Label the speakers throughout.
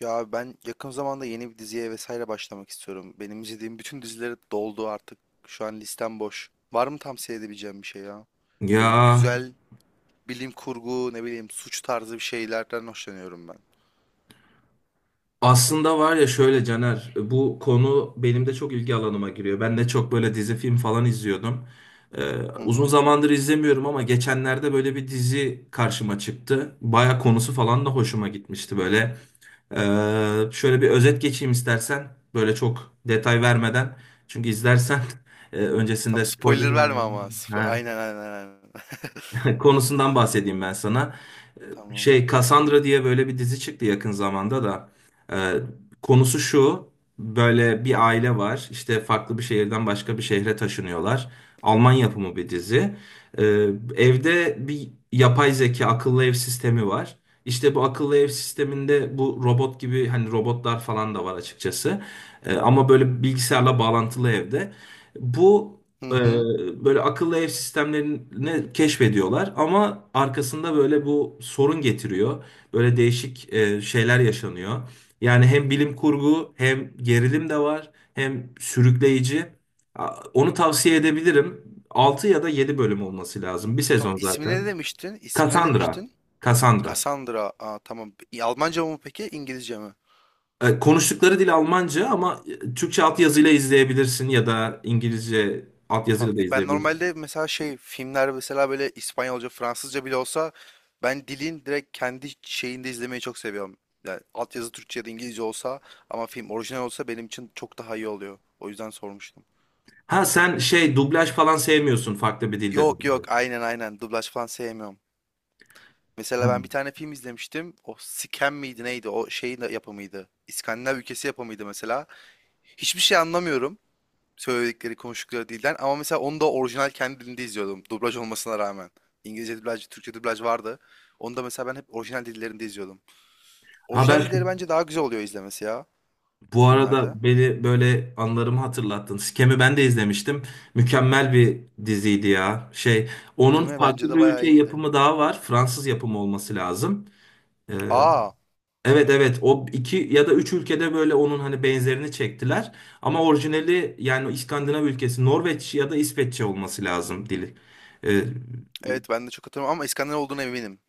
Speaker 1: Ya ben yakın zamanda yeni bir diziye vesaire başlamak istiyorum. Benim izlediğim bütün dizileri doldu artık. Şu an listem boş. Var mı tavsiye edebileceğim bir şey ya?
Speaker 2: Ya
Speaker 1: Böyle güzel bilim kurgu, ne bileyim suç tarzı bir şeylerden hoşlanıyorum ben.
Speaker 2: aslında var ya şöyle Caner, bu konu benim de çok ilgi alanıma giriyor. Ben de çok böyle dizi film falan izliyordum. Ee,
Speaker 1: Hı
Speaker 2: Uzun
Speaker 1: hı.
Speaker 2: zamandır izlemiyorum ama geçenlerde böyle bir dizi karşıma çıktı. Baya konusu falan da hoşuma gitmişti böyle. Şöyle bir özet geçeyim istersen. Böyle çok detay vermeden. Çünkü izlersen öncesinde
Speaker 1: Tamam spoiler
Speaker 2: spoiler
Speaker 1: verme ama.
Speaker 2: vermem.
Speaker 1: Aynen, aynen, aynen.
Speaker 2: Konusundan bahsedeyim ben sana.
Speaker 1: Tamam.
Speaker 2: Şey Cassandra diye böyle bir dizi çıktı yakın zamanda da. Ee, Konusu şu. Böyle bir aile var. İşte farklı bir şehirden başka bir şehre taşınıyorlar. Alman yapımı bir dizi. Ee, Evde bir yapay zeka akıllı ev sistemi var. İşte bu akıllı ev sisteminde bu robot gibi hani robotlar falan da var açıkçası. Ama böyle bilgisayarla bağlantılı evde. Bu
Speaker 1: Hı hı.
Speaker 2: böyle akıllı ev sistemlerini keşfediyorlar ama arkasında böyle bu sorun getiriyor. Böyle değişik şeyler yaşanıyor. Yani hem bilim kurgu hem gerilim de var hem sürükleyici. Onu tavsiye edebilirim. 6 ya da 7 bölüm olması lazım. Bir
Speaker 1: Tam
Speaker 2: sezon
Speaker 1: ismi ne
Speaker 2: zaten.
Speaker 1: demiştin? İsmi ne
Speaker 2: Cassandra.
Speaker 1: demiştin?
Speaker 2: Cassandra.
Speaker 1: Cassandra. Aa, tamam. Almanca mı peki? İngilizce mi?
Speaker 2: Konuştukları dil Almanca ama Türkçe altyazıyla izleyebilirsin ya da
Speaker 1: Hı.
Speaker 2: İngilizce
Speaker 1: Tam,
Speaker 2: altyazıyla da
Speaker 1: ben
Speaker 2: izleyebilirsin.
Speaker 1: normalde mesela şey filmler mesela böyle İspanyolca, Fransızca bile olsa ben dilin direkt kendi şeyinde izlemeyi çok seviyorum. Yani altyazı Türkçe ya da İngilizce olsa ama film orijinal olsa benim için çok daha iyi oluyor. O yüzden sormuştum.
Speaker 2: Ha sen şey dublaj falan sevmiyorsun, farklı bir dilde
Speaker 1: Yok yok,
Speaker 2: dublaj.
Speaker 1: aynen aynen, dublaj falan sevmiyorum. Mesela ben bir tane film izlemiştim. O Scam miydi neydi? O şeyin de yapımıydı. İskandinav ülkesi yapımıydı mesela. Hiçbir şey anlamıyorum. Söyledikleri, konuştukları dilden ama mesela onu da orijinal kendi dilinde izliyordum dublaj olmasına rağmen. İngilizce dublaj, Türkçe dublaj vardı. Onu da mesela ben hep orijinal dillerinde izliyordum.
Speaker 2: Ha
Speaker 1: Orijinal dilleri
Speaker 2: ben
Speaker 1: bence daha güzel oluyor izlemesi ya
Speaker 2: bu
Speaker 1: filmlerde.
Speaker 2: arada beni böyle anılarımı hatırlattın. Scam'i ben de izlemiştim. Mükemmel bir diziydi ya. Şey onun
Speaker 1: Değil mi?
Speaker 2: farklı
Speaker 1: Bence de
Speaker 2: bir ülke
Speaker 1: bayağı iyiydi.
Speaker 2: yapımı daha var. Fransız yapımı olması lazım. Ee,
Speaker 1: Aa,
Speaker 2: evet, evet o iki ya da üç ülkede böyle onun hani benzerini çektiler. Ama orijinali yani İskandinav ülkesi Norveç ya da İsveççe olması lazım dili. Ee,
Speaker 1: evet ben de çok hatırlamam ama İskandinav olduğuna eminim.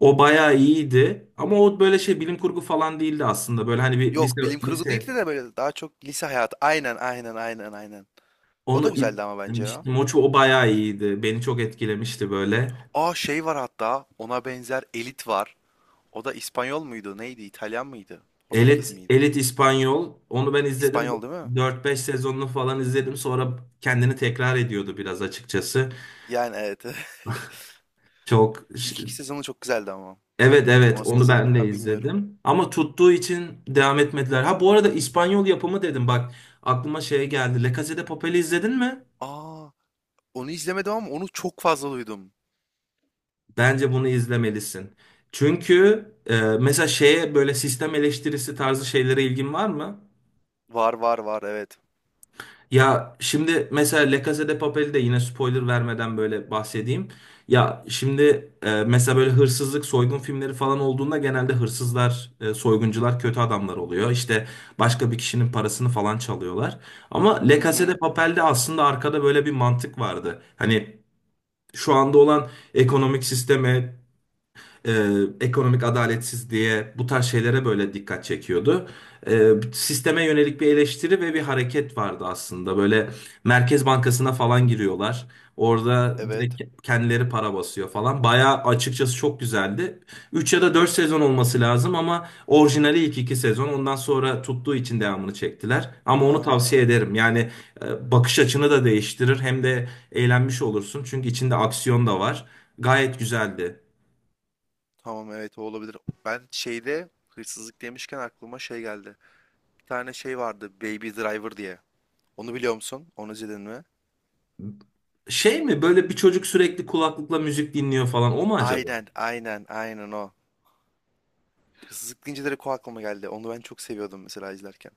Speaker 2: O bayağı iyiydi ama o böyle şey bilim kurgu falan değildi aslında. Böyle hani bir lise
Speaker 1: Yok, bilim kurgu
Speaker 2: lise
Speaker 1: değildi de böyle daha çok lise hayatı. Aynen, aynen, aynen, aynen. O da
Speaker 2: onu
Speaker 1: güzeldi ama bence ya.
Speaker 2: demiştim. O, o bayağı iyiydi. Beni çok etkilemişti böyle.
Speaker 1: Aa, şey var hatta ona benzer Elit var. O da İspanyol muydu? Neydi? İtalyan mıydı? Portekiz
Speaker 2: Elit
Speaker 1: miydi?
Speaker 2: Elit İspanyol, onu ben izledim.
Speaker 1: İspanyol değil mi?
Speaker 2: Dört beş sezonunu falan izledim. Sonra kendini tekrar ediyordu biraz açıkçası.
Speaker 1: Yani evet.
Speaker 2: Çok ş-
Speaker 1: İlk iki sezonu çok güzeldi ama.
Speaker 2: evet, evet
Speaker 1: Sonrasını
Speaker 2: onu
Speaker 1: izledim mi
Speaker 2: ben de
Speaker 1: ben bilmiyorum.
Speaker 2: izledim. Ama tuttuğu için devam etmediler. Ha bu arada İspanyol yapımı dedim bak, aklıma şey geldi. La Casa de Papel'i izledin mi?
Speaker 1: Aa, onu izlemedim ama onu çok fazla duydum.
Speaker 2: Bence bunu izlemelisin. Çünkü mesela şeye böyle sistem eleştirisi tarzı şeylere ilgin var mı?
Speaker 1: Var var var, evet.
Speaker 2: Ya şimdi mesela La Casa de Papel'i de yine spoiler vermeden böyle bahsedeyim. Ya şimdi mesela böyle hırsızlık, soygun filmleri falan olduğunda genelde hırsızlar, soyguncular kötü adamlar oluyor. İşte başka bir kişinin parasını falan çalıyorlar. Ama La
Speaker 1: Hı
Speaker 2: Casa de
Speaker 1: hı.
Speaker 2: Papel'de aslında arkada böyle bir mantık vardı. Hani şu anda olan ekonomik sisteme, e, ekonomik adaletsizliğe, bu tarz şeylere böyle dikkat çekiyordu. Sisteme yönelik bir eleştiri ve bir hareket vardı aslında. Böyle Merkez Bankası'na falan giriyorlar. Orada
Speaker 1: Evet.
Speaker 2: direkt kendileri para basıyor falan. Bayağı açıkçası çok güzeldi. 3 ya da 4 sezon olması lazım ama orijinali ilk 2 sezon. Ondan sonra tuttuğu için devamını çektiler. Ama onu tavsiye
Speaker 1: Aha.
Speaker 2: ederim. Yani bakış açını da değiştirir, hem de eğlenmiş olursun. Çünkü içinde aksiyon da var. Gayet güzeldi.
Speaker 1: Tamam, evet, o olabilir. Ben şeyde hırsızlık demişken aklıma şey geldi. Bir tane şey vardı Baby Driver diye. Onu biliyor musun? Onu izledin mi?
Speaker 2: Şey mi, böyle bir çocuk sürekli kulaklıkla müzik dinliyor falan, o mu acaba?
Speaker 1: Aynen, aynen, aynen o. Hırsızlık deyince direkt o aklıma geldi. Onu ben çok seviyordum mesela izlerken.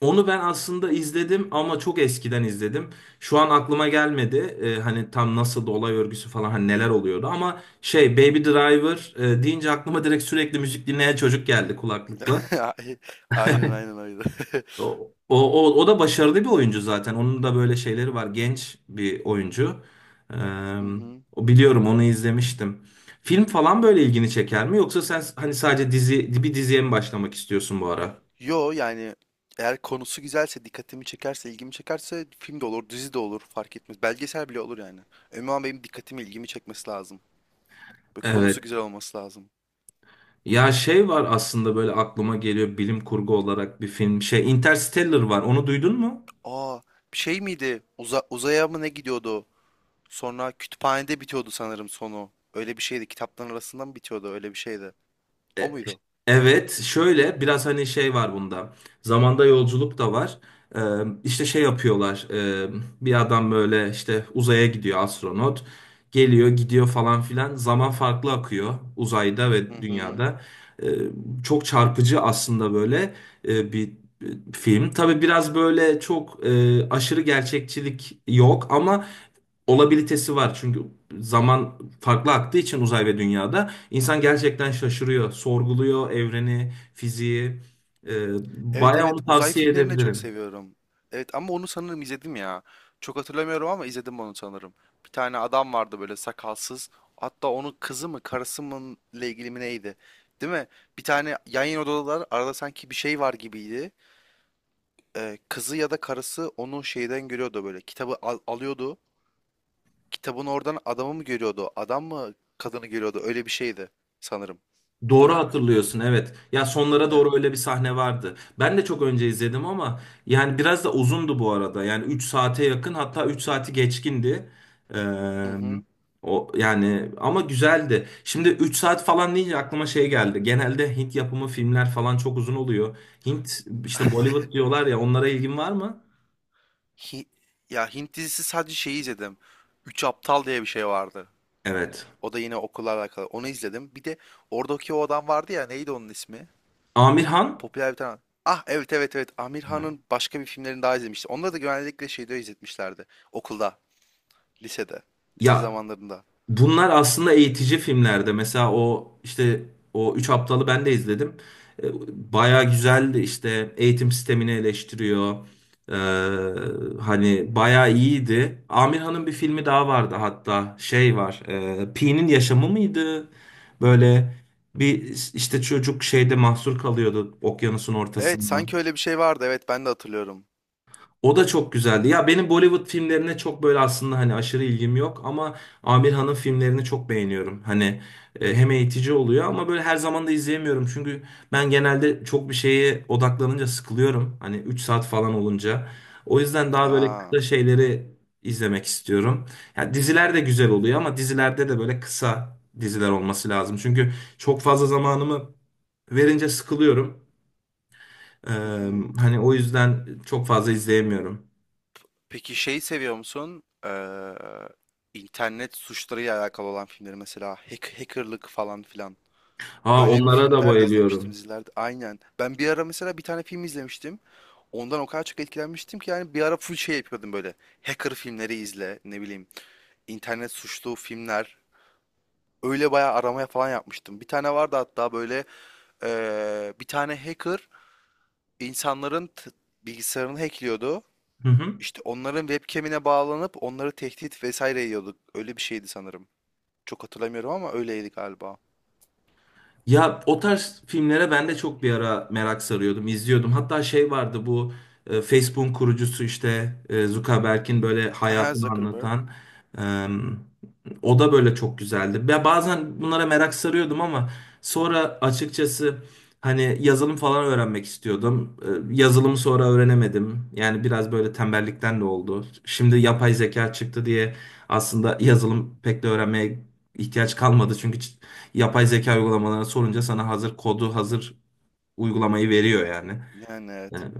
Speaker 2: Onu ben aslında izledim ama çok eskiden izledim. Şu an aklıma gelmedi. Hani tam nasıl da olay örgüsü falan, hani neler oluyordu, ama şey Baby Driver deyince aklıma direkt sürekli müzik dinleyen çocuk geldi kulaklıkla.
Speaker 1: Aynen aynen öyle.
Speaker 2: O, o da başarılı bir oyuncu zaten. Onun da böyle şeyleri var. Genç bir oyuncu. Ee,
Speaker 1: Hı hı.
Speaker 2: O, biliyorum, onu izlemiştim. Film falan böyle ilgini çeker mi? Yoksa sen hani sadece dizi, bir diziye mi başlamak istiyorsun bu ara?
Speaker 1: Yo yani eğer konusu güzelse, dikkatimi çekerse, ilgimi çekerse film de olur, dizi de olur, fark etmez. Belgesel bile olur yani. Önemli olan benim dikkatimi, ilgimi çekmesi lazım. Ve konusu
Speaker 2: Evet.
Speaker 1: güzel olması lazım.
Speaker 2: Ya şey var aslında böyle aklıma geliyor, bilim kurgu olarak bir film. Şey Interstellar var. Onu duydun mu?
Speaker 1: Aa, bir şey miydi? Uzaya mı ne gidiyordu? Sonra kütüphanede bitiyordu sanırım sonu. Öyle bir şeydi. Kitapların arasında mı bitiyordu? Öyle bir şeydi. O muydu?
Speaker 2: Evet, şöyle biraz hani şey var bunda. Zamanda yolculuk da var. Ee, işte şey yapıyorlar. Bir adam böyle işte uzaya gidiyor, astronot. Geliyor, gidiyor falan filan. Zaman farklı akıyor uzayda
Speaker 1: Hı
Speaker 2: ve
Speaker 1: hı.
Speaker 2: dünyada. Ee, Çok çarpıcı aslında böyle bir film. Tabii biraz böyle çok aşırı gerçekçilik yok ama olabilitesi var. Çünkü zaman farklı aktığı için uzay ve dünyada. İnsan gerçekten şaşırıyor, sorguluyor evreni, fiziği. Ee,
Speaker 1: Evet
Speaker 2: Bayağı
Speaker 1: evet.
Speaker 2: onu
Speaker 1: Uzay
Speaker 2: tavsiye
Speaker 1: filmlerini de çok
Speaker 2: edebilirim.
Speaker 1: seviyorum. Evet ama onu sanırım izledim ya. Çok hatırlamıyorum ama izledim onu sanırım. Bir tane adam vardı böyle sakalsız. Hatta onun kızı mı karısı mı ile ilgili mi neydi? Değil mi? Bir tane yan yana odalar arada sanki bir şey var gibiydi. Kızı ya da karısı onu şeyden görüyordu böyle. Alıyordu. Kitabın oradan adamı mı görüyordu? Adam mı kadını görüyordu? Öyle bir şeydi sanırım. Değil
Speaker 2: Doğru
Speaker 1: mi?
Speaker 2: hatırlıyorsun, evet. Ya sonlara
Speaker 1: E,
Speaker 2: doğru öyle bir sahne vardı. Ben de çok önce izledim ama yani biraz da uzundu bu arada. Yani 3 saate yakın, hatta 3 saati geçkindi.
Speaker 1: hı
Speaker 2: Ee,
Speaker 1: hı.
Speaker 2: O, yani, ama güzeldi. Şimdi 3 saat falan deyince aklıma şey geldi. Genelde Hint yapımı filmler falan çok uzun oluyor. Hint işte Bollywood diyorlar ya, onlara ilgin var mı?
Speaker 1: Hi- ya Hint dizisi sadece şeyi izledim. Üç Aptal diye bir şey vardı.
Speaker 2: Evet.
Speaker 1: O da yine okulla alakalı. Onu izledim. Bir de oradaki o adam vardı ya, neydi onun ismi?
Speaker 2: Amir Han?
Speaker 1: Popüler bir tane. Ah, evet evet evet. Amir Han'ın başka bir filmlerini daha izlemiştim. Onları da genellikle şeyde izletmişlerdi. Okulda, lisede, lise
Speaker 2: Ya
Speaker 1: zamanlarında.
Speaker 2: bunlar aslında eğitici filmlerde. Mesela o işte o Üç Aptalı ben de izledim. Baya güzeldi, işte eğitim sistemini eleştiriyor. E, Hani baya iyiydi. Amirhan'ın bir filmi daha vardı hatta, şey var. Pi'nin yaşamı mıydı? Böyle bir işte çocuk şeyde mahsur kalıyordu okyanusun
Speaker 1: Evet, sanki
Speaker 2: ortasında.
Speaker 1: öyle bir şey vardı. Evet ben de hatırlıyorum.
Speaker 2: O da çok güzeldi. Ya benim Bollywood filmlerine çok böyle aslında hani aşırı ilgim yok ama Amir Han'ın filmlerini çok beğeniyorum. Hani hem eğitici oluyor ama böyle her zaman da izleyemiyorum. Çünkü ben genelde çok bir şeye odaklanınca sıkılıyorum. Hani 3 saat falan olunca. O yüzden daha böyle
Speaker 1: Aa.
Speaker 2: kısa şeyleri izlemek istiyorum. Ya diziler de güzel oluyor ama dizilerde de böyle kısa diziler olması lazım. Çünkü çok fazla zamanımı verince sıkılıyorum. Ee,
Speaker 1: Hı hı.
Speaker 2: Hani o yüzden çok fazla izleyemiyorum.
Speaker 1: Peki şey seviyor musun? İnternet suçlarıyla alakalı olan filmleri mesela hack, hackerlık falan filan.
Speaker 2: Aa,
Speaker 1: Öyle bir
Speaker 2: onlara da
Speaker 1: filmler de izlemiştim
Speaker 2: bayılıyorum.
Speaker 1: dizilerde. Aynen. Ben bir ara mesela bir tane film izlemiştim. Ondan o kadar çok etkilenmiştim ki yani bir ara full şey yapıyordum böyle. Hacker filmleri izle, ne bileyim, internet suçlu filmler. Öyle bayağı aramaya falan yapmıştım. Bir tane vardı hatta böyle bir tane hacker insanların bilgisayarını hackliyordu.
Speaker 2: Hı hı.
Speaker 1: İşte onların webcam'ine bağlanıp onları tehdit vesaire yiyorduk. Öyle bir şeydi sanırım. Çok hatırlamıyorum ama öyleydi galiba.
Speaker 2: Ya o tarz filmlere ben de çok bir ara merak sarıyordum, izliyordum. Hatta şey vardı, bu Facebook'un kurucusu işte Zuckerberg'in böyle
Speaker 1: Aha,
Speaker 2: hayatını
Speaker 1: Zuckerberg.
Speaker 2: anlatan. e, O da böyle çok güzeldi. Ben bazen bunlara merak sarıyordum ama sonra açıkçası hani yazılım falan öğrenmek istiyordum. Yazılımı sonra öğrenemedim. Yani biraz böyle tembellikten de oldu. Şimdi yapay zeka çıktı diye aslında yazılım pek de öğrenmeye ihtiyaç kalmadı, çünkü yapay zeka uygulamalarına sorunca sana hazır kodu, hazır uygulamayı veriyor yani.
Speaker 1: Yani evet.
Speaker 2: Yani,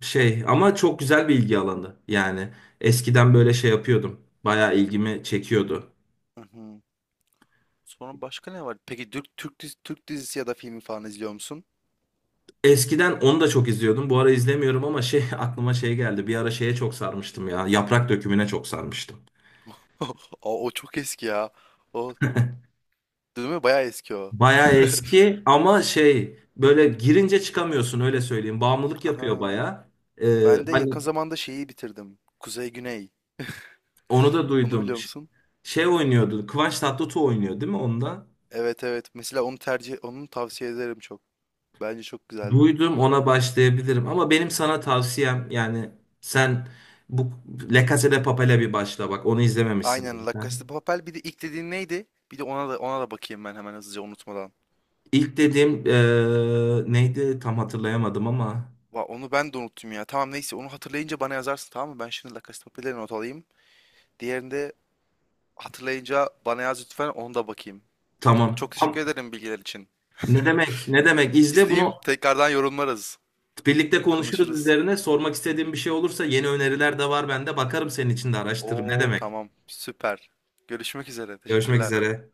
Speaker 2: şey, ama çok güzel bir ilgi alanı. Yani eskiden böyle şey yapıyordum. Bayağı ilgimi çekiyordu.
Speaker 1: Hı hı. Sonra başka ne var? Peki Türk dizisi ya da filmi falan izliyor musun?
Speaker 2: Eskiden onu da çok izliyordum. Bu ara izlemiyorum ama şey, aklıma şey geldi. Bir ara şeye çok sarmıştım ya. Yaprak Dökümü'ne çok sarmıştım.
Speaker 1: O, o çok eski ya. O değil mi? Bayağı eski o.
Speaker 2: Bayağı eski ama şey, böyle girince çıkamıyorsun, öyle söyleyeyim. Bağımlılık yapıyor
Speaker 1: Aha.
Speaker 2: bayağı.
Speaker 1: Ben de
Speaker 2: Hani
Speaker 1: yakın zamanda şeyi bitirdim. Kuzey Güney.
Speaker 2: onu da
Speaker 1: Onu
Speaker 2: duydum.
Speaker 1: biliyor musun?
Speaker 2: Şey oynuyordu. Kıvanç Tatlıtuğ oynuyor değil mi onda?
Speaker 1: Evet evet. Mesela onu tavsiye ederim çok. Bence çok güzel.
Speaker 2: Duydum, ona başlayabilirim. Ama benim sana tavsiyem, yani sen bu La Casa de Papel'e bir başla bak. Onu izlememişsin
Speaker 1: Aynen, La Casa de
Speaker 2: zaten.
Speaker 1: Papel. Bir de ilk dediğin neydi? Bir de ona da bakayım ben hemen hızlıca unutmadan.
Speaker 2: İlk dediğim neydi tam hatırlayamadım ama,
Speaker 1: Va, onu ben de unuttum ya. Tamam neyse onu hatırlayınca bana yazarsın, tamam mı? Ben şimdi La Casa de Papel'e not alayım. Diğerini de hatırlayınca bana yaz lütfen, onu da bakayım. Çok
Speaker 2: tamam.
Speaker 1: teşekkür ederim bilgiler için.
Speaker 2: Ne demek, ne demek. İzle
Speaker 1: İzleyeyim,
Speaker 2: bunu,
Speaker 1: tekrardan yorumlarız.
Speaker 2: birlikte konuşuruz
Speaker 1: Konuşuruz.
Speaker 2: üzerine. Sormak istediğim bir şey olursa, yeni öneriler de var bende. Bakarım, senin için de araştırırım. Ne
Speaker 1: Oo,
Speaker 2: demek?
Speaker 1: tamam, süper. Görüşmek üzere.
Speaker 2: Görüşmek
Speaker 1: Teşekkürler.
Speaker 2: üzere.